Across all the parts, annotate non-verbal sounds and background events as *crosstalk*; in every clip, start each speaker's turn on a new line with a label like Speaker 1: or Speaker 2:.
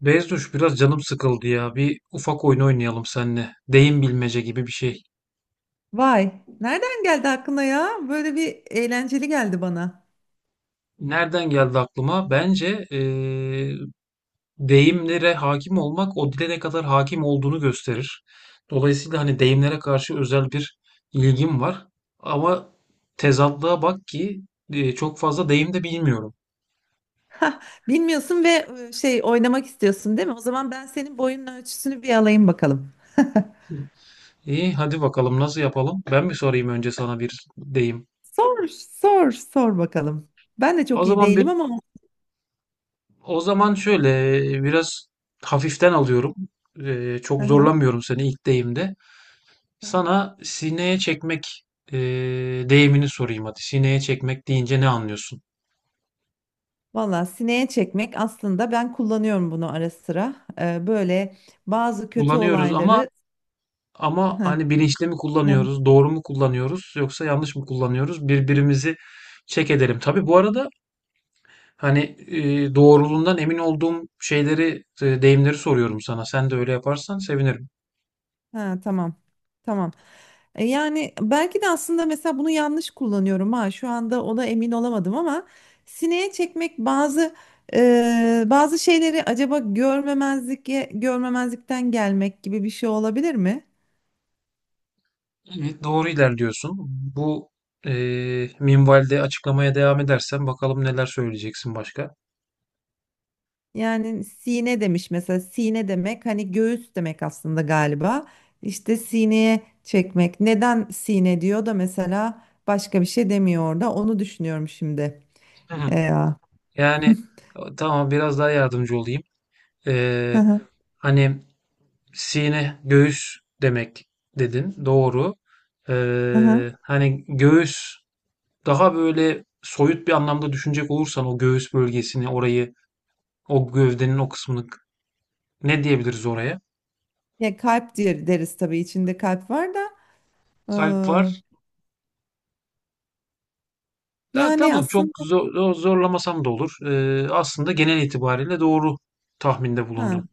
Speaker 1: Bezduş biraz canım sıkıldı ya. Bir ufak oyun oynayalım seninle. Deyim bilmece gibi bir şey.
Speaker 2: Vay, nereden geldi aklına ya? Böyle bir eğlenceli geldi bana.
Speaker 1: Nereden geldi aklıma? Bence deyimlere hakim olmak o dile ne kadar hakim olduğunu gösterir. Dolayısıyla hani deyimlere karşı özel bir ilgim var. Ama tezatlığa bak ki çok fazla deyim de bilmiyorum.
Speaker 2: Hah, bilmiyorsun ve şey oynamak istiyorsun değil mi? O zaman ben senin boyunun ölçüsünü bir alayım bakalım.
Speaker 1: İyi hadi bakalım nasıl yapalım? Ben mi sorayım önce sana bir deyim?
Speaker 2: Sor, sor, sor bakalım. Ben de
Speaker 1: O
Speaker 2: çok iyi
Speaker 1: zaman
Speaker 2: değilim
Speaker 1: bir
Speaker 2: ama.
Speaker 1: O zaman şöyle, biraz hafiften alıyorum. E,
Speaker 2: Hı
Speaker 1: çok
Speaker 2: hı.
Speaker 1: zorlamıyorum seni ilk deyimde. Sana sineye çekmek e, deyimini sorayım hadi. Sineye çekmek deyince ne anlıyorsun?
Speaker 2: Valla sineye çekmek aslında ben kullanıyorum bunu ara sıra. Böyle bazı kötü
Speaker 1: Kullanıyoruz ama
Speaker 2: olayları. Hı.
Speaker 1: hani bilinçli mi
Speaker 2: Ya,
Speaker 1: kullanıyoruz, doğru mu kullanıyoruz yoksa yanlış mı kullanıyoruz? Birbirimizi çek edelim. Tabii bu arada hani doğruluğundan emin olduğum şeyleri, deyimleri soruyorum sana. Sen de öyle yaparsan sevinirim.
Speaker 2: ha, tamam. Tamam. Yani belki de aslında mesela bunu yanlış kullanıyorum ha. Şu anda ona emin olamadım ama sineye çekmek bazı bazı şeyleri acaba görmemezlikten gelmek gibi bir şey olabilir mi?
Speaker 1: Evet, doğru ilerliyorsun. Bu minvalde açıklamaya devam edersen bakalım neler söyleyeceksin başka.
Speaker 2: Yani sine demiş, mesela sine demek hani göğüs demek aslında galiba. İşte sineye çekmek. Neden sine diyor da mesela başka bir şey demiyor orada? Onu düşünüyorum şimdi.
Speaker 1: Hı hı.
Speaker 2: E, ya.
Speaker 1: Yani tamam biraz daha yardımcı olayım.
Speaker 2: Hı
Speaker 1: Eee,
Speaker 2: hı.
Speaker 1: hani sine göğüs demek dedin. Doğru.
Speaker 2: Hı hı.
Speaker 1: Hani göğüs daha böyle soyut bir anlamda düşünecek olursan o göğüs bölgesini orayı o gövdenin o kısmını ne diyebiliriz oraya?
Speaker 2: Ya, kalp diye deriz tabii, içinde kalp var da e,
Speaker 1: Kalp var. Ya,
Speaker 2: yani
Speaker 1: tamam
Speaker 2: aslında,
Speaker 1: zorlamasam da olur. Aslında genel itibariyle doğru tahminde
Speaker 2: ha,
Speaker 1: bulundun.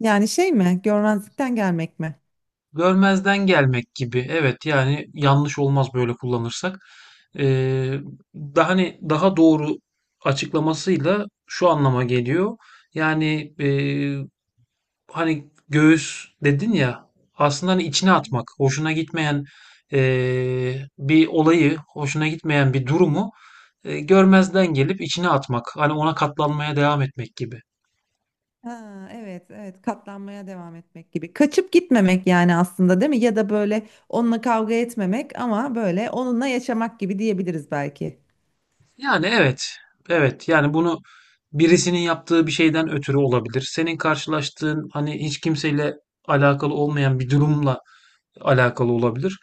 Speaker 2: yani şey mi, görmezlikten gelmek mi?
Speaker 1: Görmezden gelmek gibi. Evet yani yanlış olmaz böyle kullanırsak. Ee, daha hani daha doğru açıklamasıyla şu anlama geliyor. Yani hani göğüs dedin ya aslında hani içine atmak, hoşuna gitmeyen bir olayı, hoşuna gitmeyen bir durumu
Speaker 2: Aynen.
Speaker 1: görmezden gelip içine atmak. Hani ona katlanmaya devam etmek gibi.
Speaker 2: Ha, evet, evet, katlanmaya devam etmek gibi. Kaçıp gitmemek yani aslında, değil mi? Ya da böyle onunla kavga etmemek ama böyle onunla yaşamak gibi diyebiliriz belki.
Speaker 1: Yani evet, evet. Yani bunu birisinin yaptığı bir şeyden ötürü olabilir. Senin karşılaştığın hani hiç kimseyle alakalı olmayan bir durumla alakalı olabilir.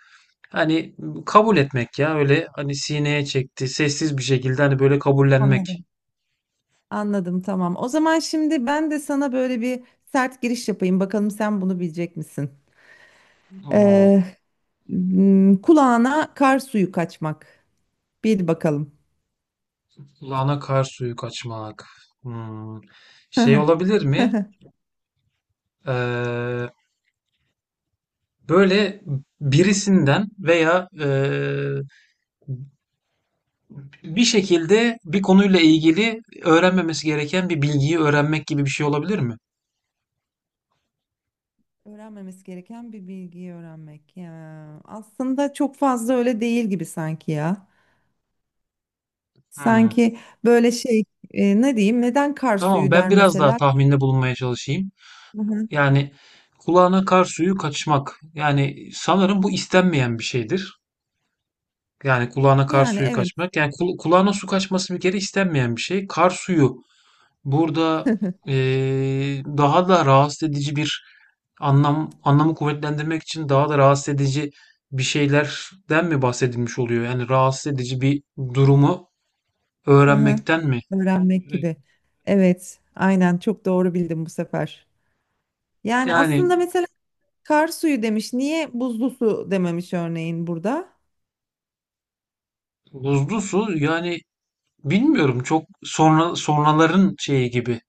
Speaker 1: Hani kabul etmek ya öyle hani sineye çekti sessiz bir şekilde hani böyle kabullenmek.
Speaker 2: Anladım. Anladım, tamam. O zaman şimdi ben de sana böyle bir sert giriş yapayım. Bakalım sen bunu bilecek misin?
Speaker 1: Oo,
Speaker 2: Ee, kulağına kar suyu kaçmak. Bil bakalım.
Speaker 1: lana kar suyu kaçmak. Hmm.
Speaker 2: *laughs* Hı
Speaker 1: Şey
Speaker 2: hı.
Speaker 1: olabilir mi? Ee, böyle birisinden veya bir şekilde bir konuyla ilgili öğrenmemesi gereken bir bilgiyi öğrenmek gibi bir şey olabilir mi?
Speaker 2: Öğrenmemesi gereken bir bilgiyi öğrenmek. Ya, aslında çok fazla öyle değil gibi sanki ya.
Speaker 1: Hmm.
Speaker 2: Sanki böyle ne diyeyim, neden kar
Speaker 1: Tamam,
Speaker 2: suyu
Speaker 1: ben
Speaker 2: der
Speaker 1: biraz daha
Speaker 2: mesela?
Speaker 1: tahminde bulunmaya çalışayım.
Speaker 2: Hı hı.
Speaker 1: Yani kulağına kar suyu kaçmak. Yani sanırım bu istenmeyen bir şeydir. Yani kulağına kar
Speaker 2: Yani
Speaker 1: suyu
Speaker 2: evet.
Speaker 1: kaçmak. Yani kulağına su kaçması bir kere istenmeyen bir şey. Kar suyu. Burada, daha da rahatsız edici bir anlamı kuvvetlendirmek için daha da rahatsız edici bir şeylerden mi bahsedilmiş oluyor? Yani rahatsız edici bir durumu
Speaker 2: Hı hı.
Speaker 1: öğrenmekten mi?
Speaker 2: Öğrenmek
Speaker 1: Eee,
Speaker 2: gibi. Evet, aynen, çok doğru bildim bu sefer. Yani
Speaker 1: yani
Speaker 2: aslında mesela kar suyu demiş. Niye buzlu su dememiş örneğin burada?
Speaker 1: buzlu su yani bilmiyorum çok sonraların şeyi gibi.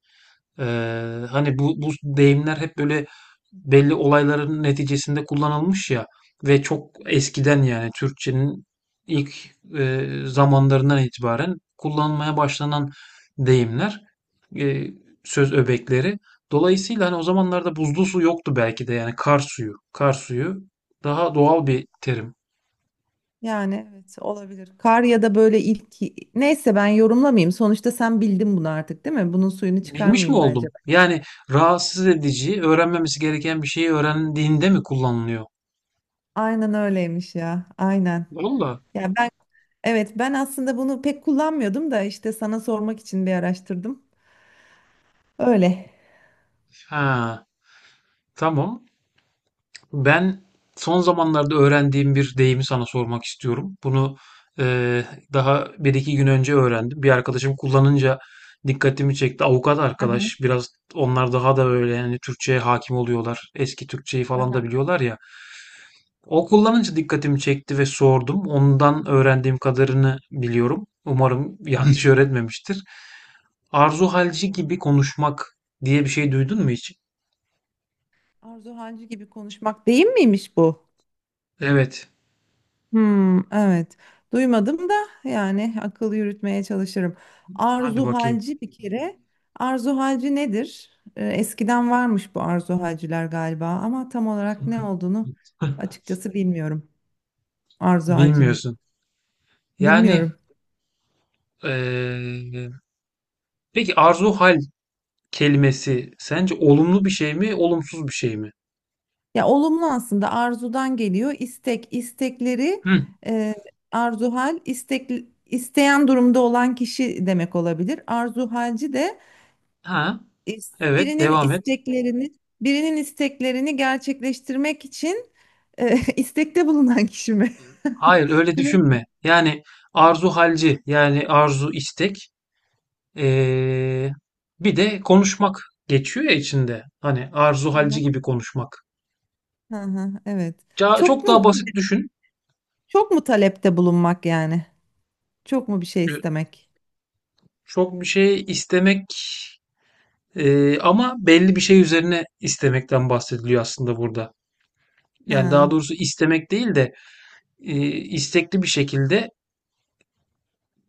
Speaker 1: Hani bu deyimler hep böyle belli olayların neticesinde kullanılmış ya ve çok eskiden yani Türkçenin ilk zamanlarından itibaren kullanılmaya başlanan deyimler, e, söz öbekleri. Dolayısıyla hani o zamanlarda buzlu su yoktu belki de yani kar suyu daha doğal bir terim.
Speaker 2: Yani evet, olabilir. Kar ya da böyle ilk, neyse ben yorumlamayayım. Sonuçta sen bildin bunu artık, değil mi? Bunun suyunu
Speaker 1: Bilmiş mi
Speaker 2: çıkarmayayım bence.
Speaker 1: oldum? Yani rahatsız edici, öğrenmemesi gereken bir şeyi öğrendiğinde mi kullanılıyor?
Speaker 2: Aynen öyleymiş ya. Aynen.
Speaker 1: Valla.
Speaker 2: Ya ben evet, ben aslında bunu pek kullanmıyordum da işte sana sormak için bir araştırdım. Öyle.
Speaker 1: Ha. Tamam. Ben son zamanlarda öğrendiğim bir deyimi sana sormak istiyorum. Bunu eee, daha bir iki gün önce öğrendim. Bir arkadaşım kullanınca dikkatimi çekti. Avukat
Speaker 2: Hı hı,
Speaker 1: arkadaş. Biraz onlar daha da böyle yani Türkçe'ye hakim oluyorlar. Eski Türkçeyi falan da biliyorlar ya. O kullanınca dikkatimi çekti ve sordum. Ondan öğrendiğim kadarını biliyorum. Umarım yanlış *laughs* öğretmemiştir. Arzu halci gibi konuşmak diye bir şey duydun mu hiç?
Speaker 2: Arzu Hancı gibi konuşmak değil miymiş bu?
Speaker 1: Evet.
Speaker 2: Hmm, evet. Duymadım da yani akıl yürütmeye çalışırım.
Speaker 1: Hadi
Speaker 2: Arzu
Speaker 1: bakayım.
Speaker 2: halci bir kere. Arzu halci nedir? Eskiden varmış bu arzu halciler galiba ama tam olarak ne olduğunu
Speaker 1: *laughs*
Speaker 2: açıkçası bilmiyorum. Arzu halcinin.
Speaker 1: Bilmiyorsun. Yani
Speaker 2: Bilmiyorum.
Speaker 1: eee, peki arzu hal kelimesi sence olumlu bir şey mi, olumsuz bir şey mi?
Speaker 2: Ya olumlu, aslında arzudan geliyor. İstek, istekleri
Speaker 1: Hı,
Speaker 2: e, arzu hal, istek, isteyen durumda olan kişi demek olabilir. Arzu halci de
Speaker 1: ha, evet
Speaker 2: birinin
Speaker 1: devam et.
Speaker 2: isteklerini gerçekleştirmek için *laughs* istekte bulunan kişi mi? *laughs*
Speaker 1: Hayır öyle
Speaker 2: Bilemedim.
Speaker 1: düşünme. Yani arzu halci yani arzu istek, eee, bir de konuşmak geçiyor ya içinde. Hani arzu halci
Speaker 2: Ya.
Speaker 1: gibi konuşmak.
Speaker 2: Hı hı, evet.
Speaker 1: Ca-
Speaker 2: Çok
Speaker 1: Çok
Speaker 2: mu
Speaker 1: daha basit düşün.
Speaker 2: çok mu talepte bulunmak yani? Çok mu bir şey
Speaker 1: Ee,
Speaker 2: istemek?
Speaker 1: Çok bir şey istemek, ama belli bir şey üzerine istemekten bahsediliyor aslında burada. Yani daha
Speaker 2: Ha.
Speaker 1: doğrusu istemek değil de istekli bir şekilde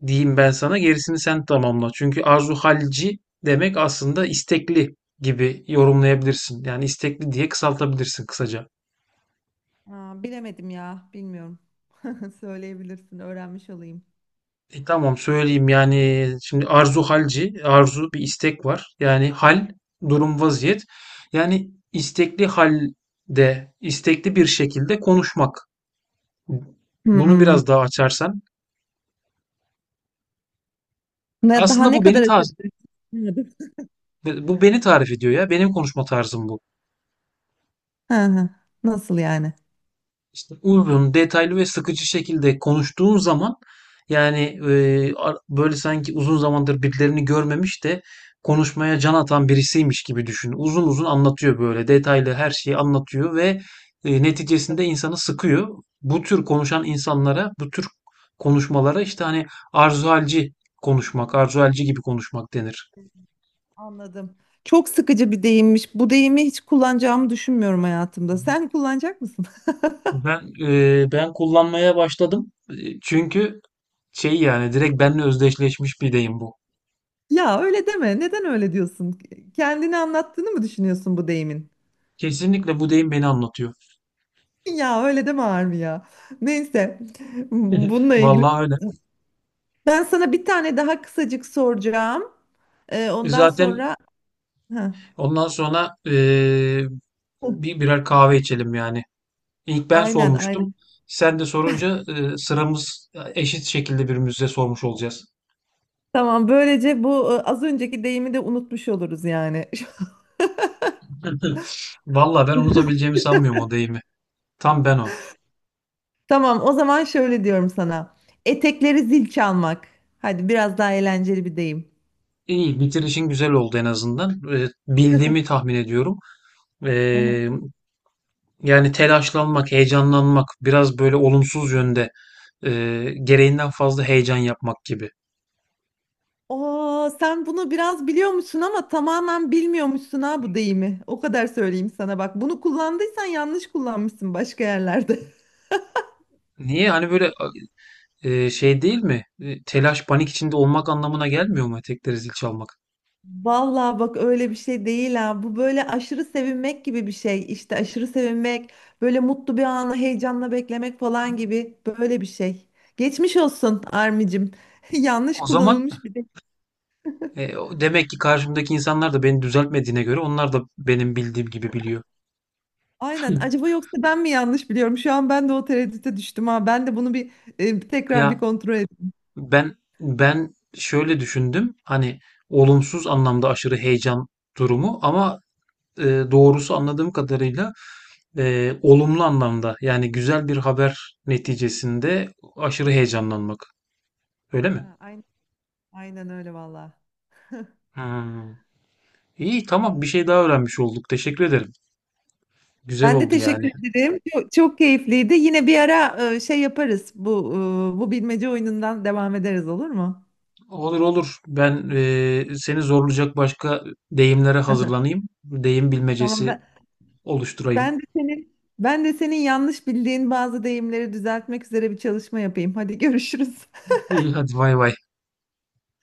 Speaker 1: diyeyim ben, sana gerisini sen tamamla. Çünkü arzu halci demek aslında istekli gibi yorumlayabilirsin. Yani istekli diye kısaltabilirsin kısaca.
Speaker 2: Aa, bilemedim ya, bilmiyorum. *laughs* Söyleyebilirsin, öğrenmiş olayım.
Speaker 1: Tamam söyleyeyim yani şimdi arzu halci, arzu bir istek var. Yani hal, durum, vaziyet. Yani istekli halde, istekli bir şekilde konuşmak. Bunu
Speaker 2: Hmm.
Speaker 1: biraz daha açarsan.
Speaker 2: Ne, daha
Speaker 1: Aslında
Speaker 2: ne
Speaker 1: bu beni
Speaker 2: kadar
Speaker 1: tarif
Speaker 2: açabiliriz?
Speaker 1: Bu beni tarif ediyor ya. Benim konuşma tarzım bu.
Speaker 2: Hı hı. Nasıl yani?
Speaker 1: İşte uzun, detaylı ve sıkıcı şekilde konuştuğun zaman yani böyle sanki uzun zamandır birilerini görmemiş de konuşmaya can atan birisiymiş gibi düşün. Uzun uzun anlatıyor, böyle detaylı her şeyi anlatıyor ve neticesinde insanı sıkıyor. Bu tür konuşan insanlara, bu tür konuşmalara işte hani arzuhalci konuşmak, arzuhalci gibi konuşmak denir.
Speaker 2: Anladım. Çok sıkıcı bir deyimmiş. Bu deyimi hiç kullanacağımı düşünmüyorum hayatımda. Sen kullanacak mısın? *laughs*
Speaker 1: Ben ben kullanmaya başladım. E, çünkü şey, yani direkt benimle özdeşleşmiş bir deyim bu.
Speaker 2: Ya öyle deme. Neden öyle diyorsun? Kendini anlattığını mı düşünüyorsun bu deyimin?
Speaker 1: Kesinlikle bu deyim beni anlatıyor.
Speaker 2: Ya öyle deme Armi ya. Neyse.
Speaker 1: *laughs*
Speaker 2: Bununla ilgili.
Speaker 1: Vallahi öyle.
Speaker 2: Ben sana bir tane daha kısacık soracağım.
Speaker 1: E,
Speaker 2: Ondan
Speaker 1: zaten
Speaker 2: sonra... Heh.
Speaker 1: ondan sonra bir birer kahve içelim yani. İlk ben
Speaker 2: Aynen, aynen.
Speaker 1: sormuştum. Sen de sorunca sıramız eşit şekilde birbirimize sormuş olacağız.
Speaker 2: Tamam, böylece bu, az önceki deyimi de unutmuş oluruz yani.
Speaker 1: *laughs* Vallahi ben unutabileceğimi sanmıyorum o deyimi. Tam ben o.
Speaker 2: *laughs* Tamam, o zaman şöyle diyorum sana. Etekleri zil çalmak. Hadi, biraz daha eğlenceli bir deyim.
Speaker 1: İyi, bitirişin güzel oldu en azından. Bildiğimi tahmin ediyorum.
Speaker 2: Hı hı.
Speaker 1: Eee Yani telaşlanmak, heyecanlanmak, biraz böyle olumsuz yönde e, gereğinden fazla heyecan yapmak gibi.
Speaker 2: Oo, sen bunu biraz biliyormuşsun ama tamamen bilmiyormuşsun ha bu deyimi. O kadar söyleyeyim sana bak. Bunu kullandıysan yanlış kullanmışsın başka yerlerde.
Speaker 1: Niye? Hani böyle şey değil mi? E, telaş, panik içinde olmak anlamına gelmiyor mu etekleri zil çalmak?
Speaker 2: Vallahi bak öyle bir şey değil ha. Bu böyle aşırı sevinmek gibi bir şey. İşte aşırı sevinmek, böyle mutlu bir anı heyecanla beklemek falan gibi böyle bir şey. Geçmiş olsun Armicim. *laughs* Yanlış
Speaker 1: O zaman
Speaker 2: kullanılmış bir de.
Speaker 1: demek ki karşımdaki insanlar da beni düzeltmediğine göre onlar da benim bildiğim gibi biliyor. Hı.
Speaker 2: Aynen. Acaba yoksa ben mi yanlış biliyorum? Şu an ben de o tereddüte düştüm ha. Ben de bunu bir tekrar bir
Speaker 1: Ya
Speaker 2: kontrol edeyim.
Speaker 1: ben şöyle düşündüm. Hani olumsuz anlamda aşırı heyecan durumu, ama e, doğrusu anladığım kadarıyla olumlu anlamda, yani güzel bir haber neticesinde aşırı heyecanlanmak. Öyle mi?
Speaker 2: Ha, aynen, aynen öyle vallahi.
Speaker 1: Hmm. İyi, tamam,
Speaker 2: Tamam.
Speaker 1: bir şey daha öğrenmiş olduk. Teşekkür ederim. Güzel
Speaker 2: Ben de
Speaker 1: oldu yani.
Speaker 2: teşekkür ederim. Çok, çok keyifliydi. Yine bir ara şey yaparız. Bu, bu bilmece oyunundan devam ederiz, olur mu?
Speaker 1: Olur olur. Seni zorlayacak başka deyimlere hazırlanayım. Deyim
Speaker 2: Tamam
Speaker 1: bilmecesi
Speaker 2: ben,
Speaker 1: oluşturayım.
Speaker 2: ben de senin yanlış bildiğin bazı deyimleri düzeltmek üzere bir çalışma yapayım. Hadi görüşürüz.
Speaker 1: İyi hadi vay vay.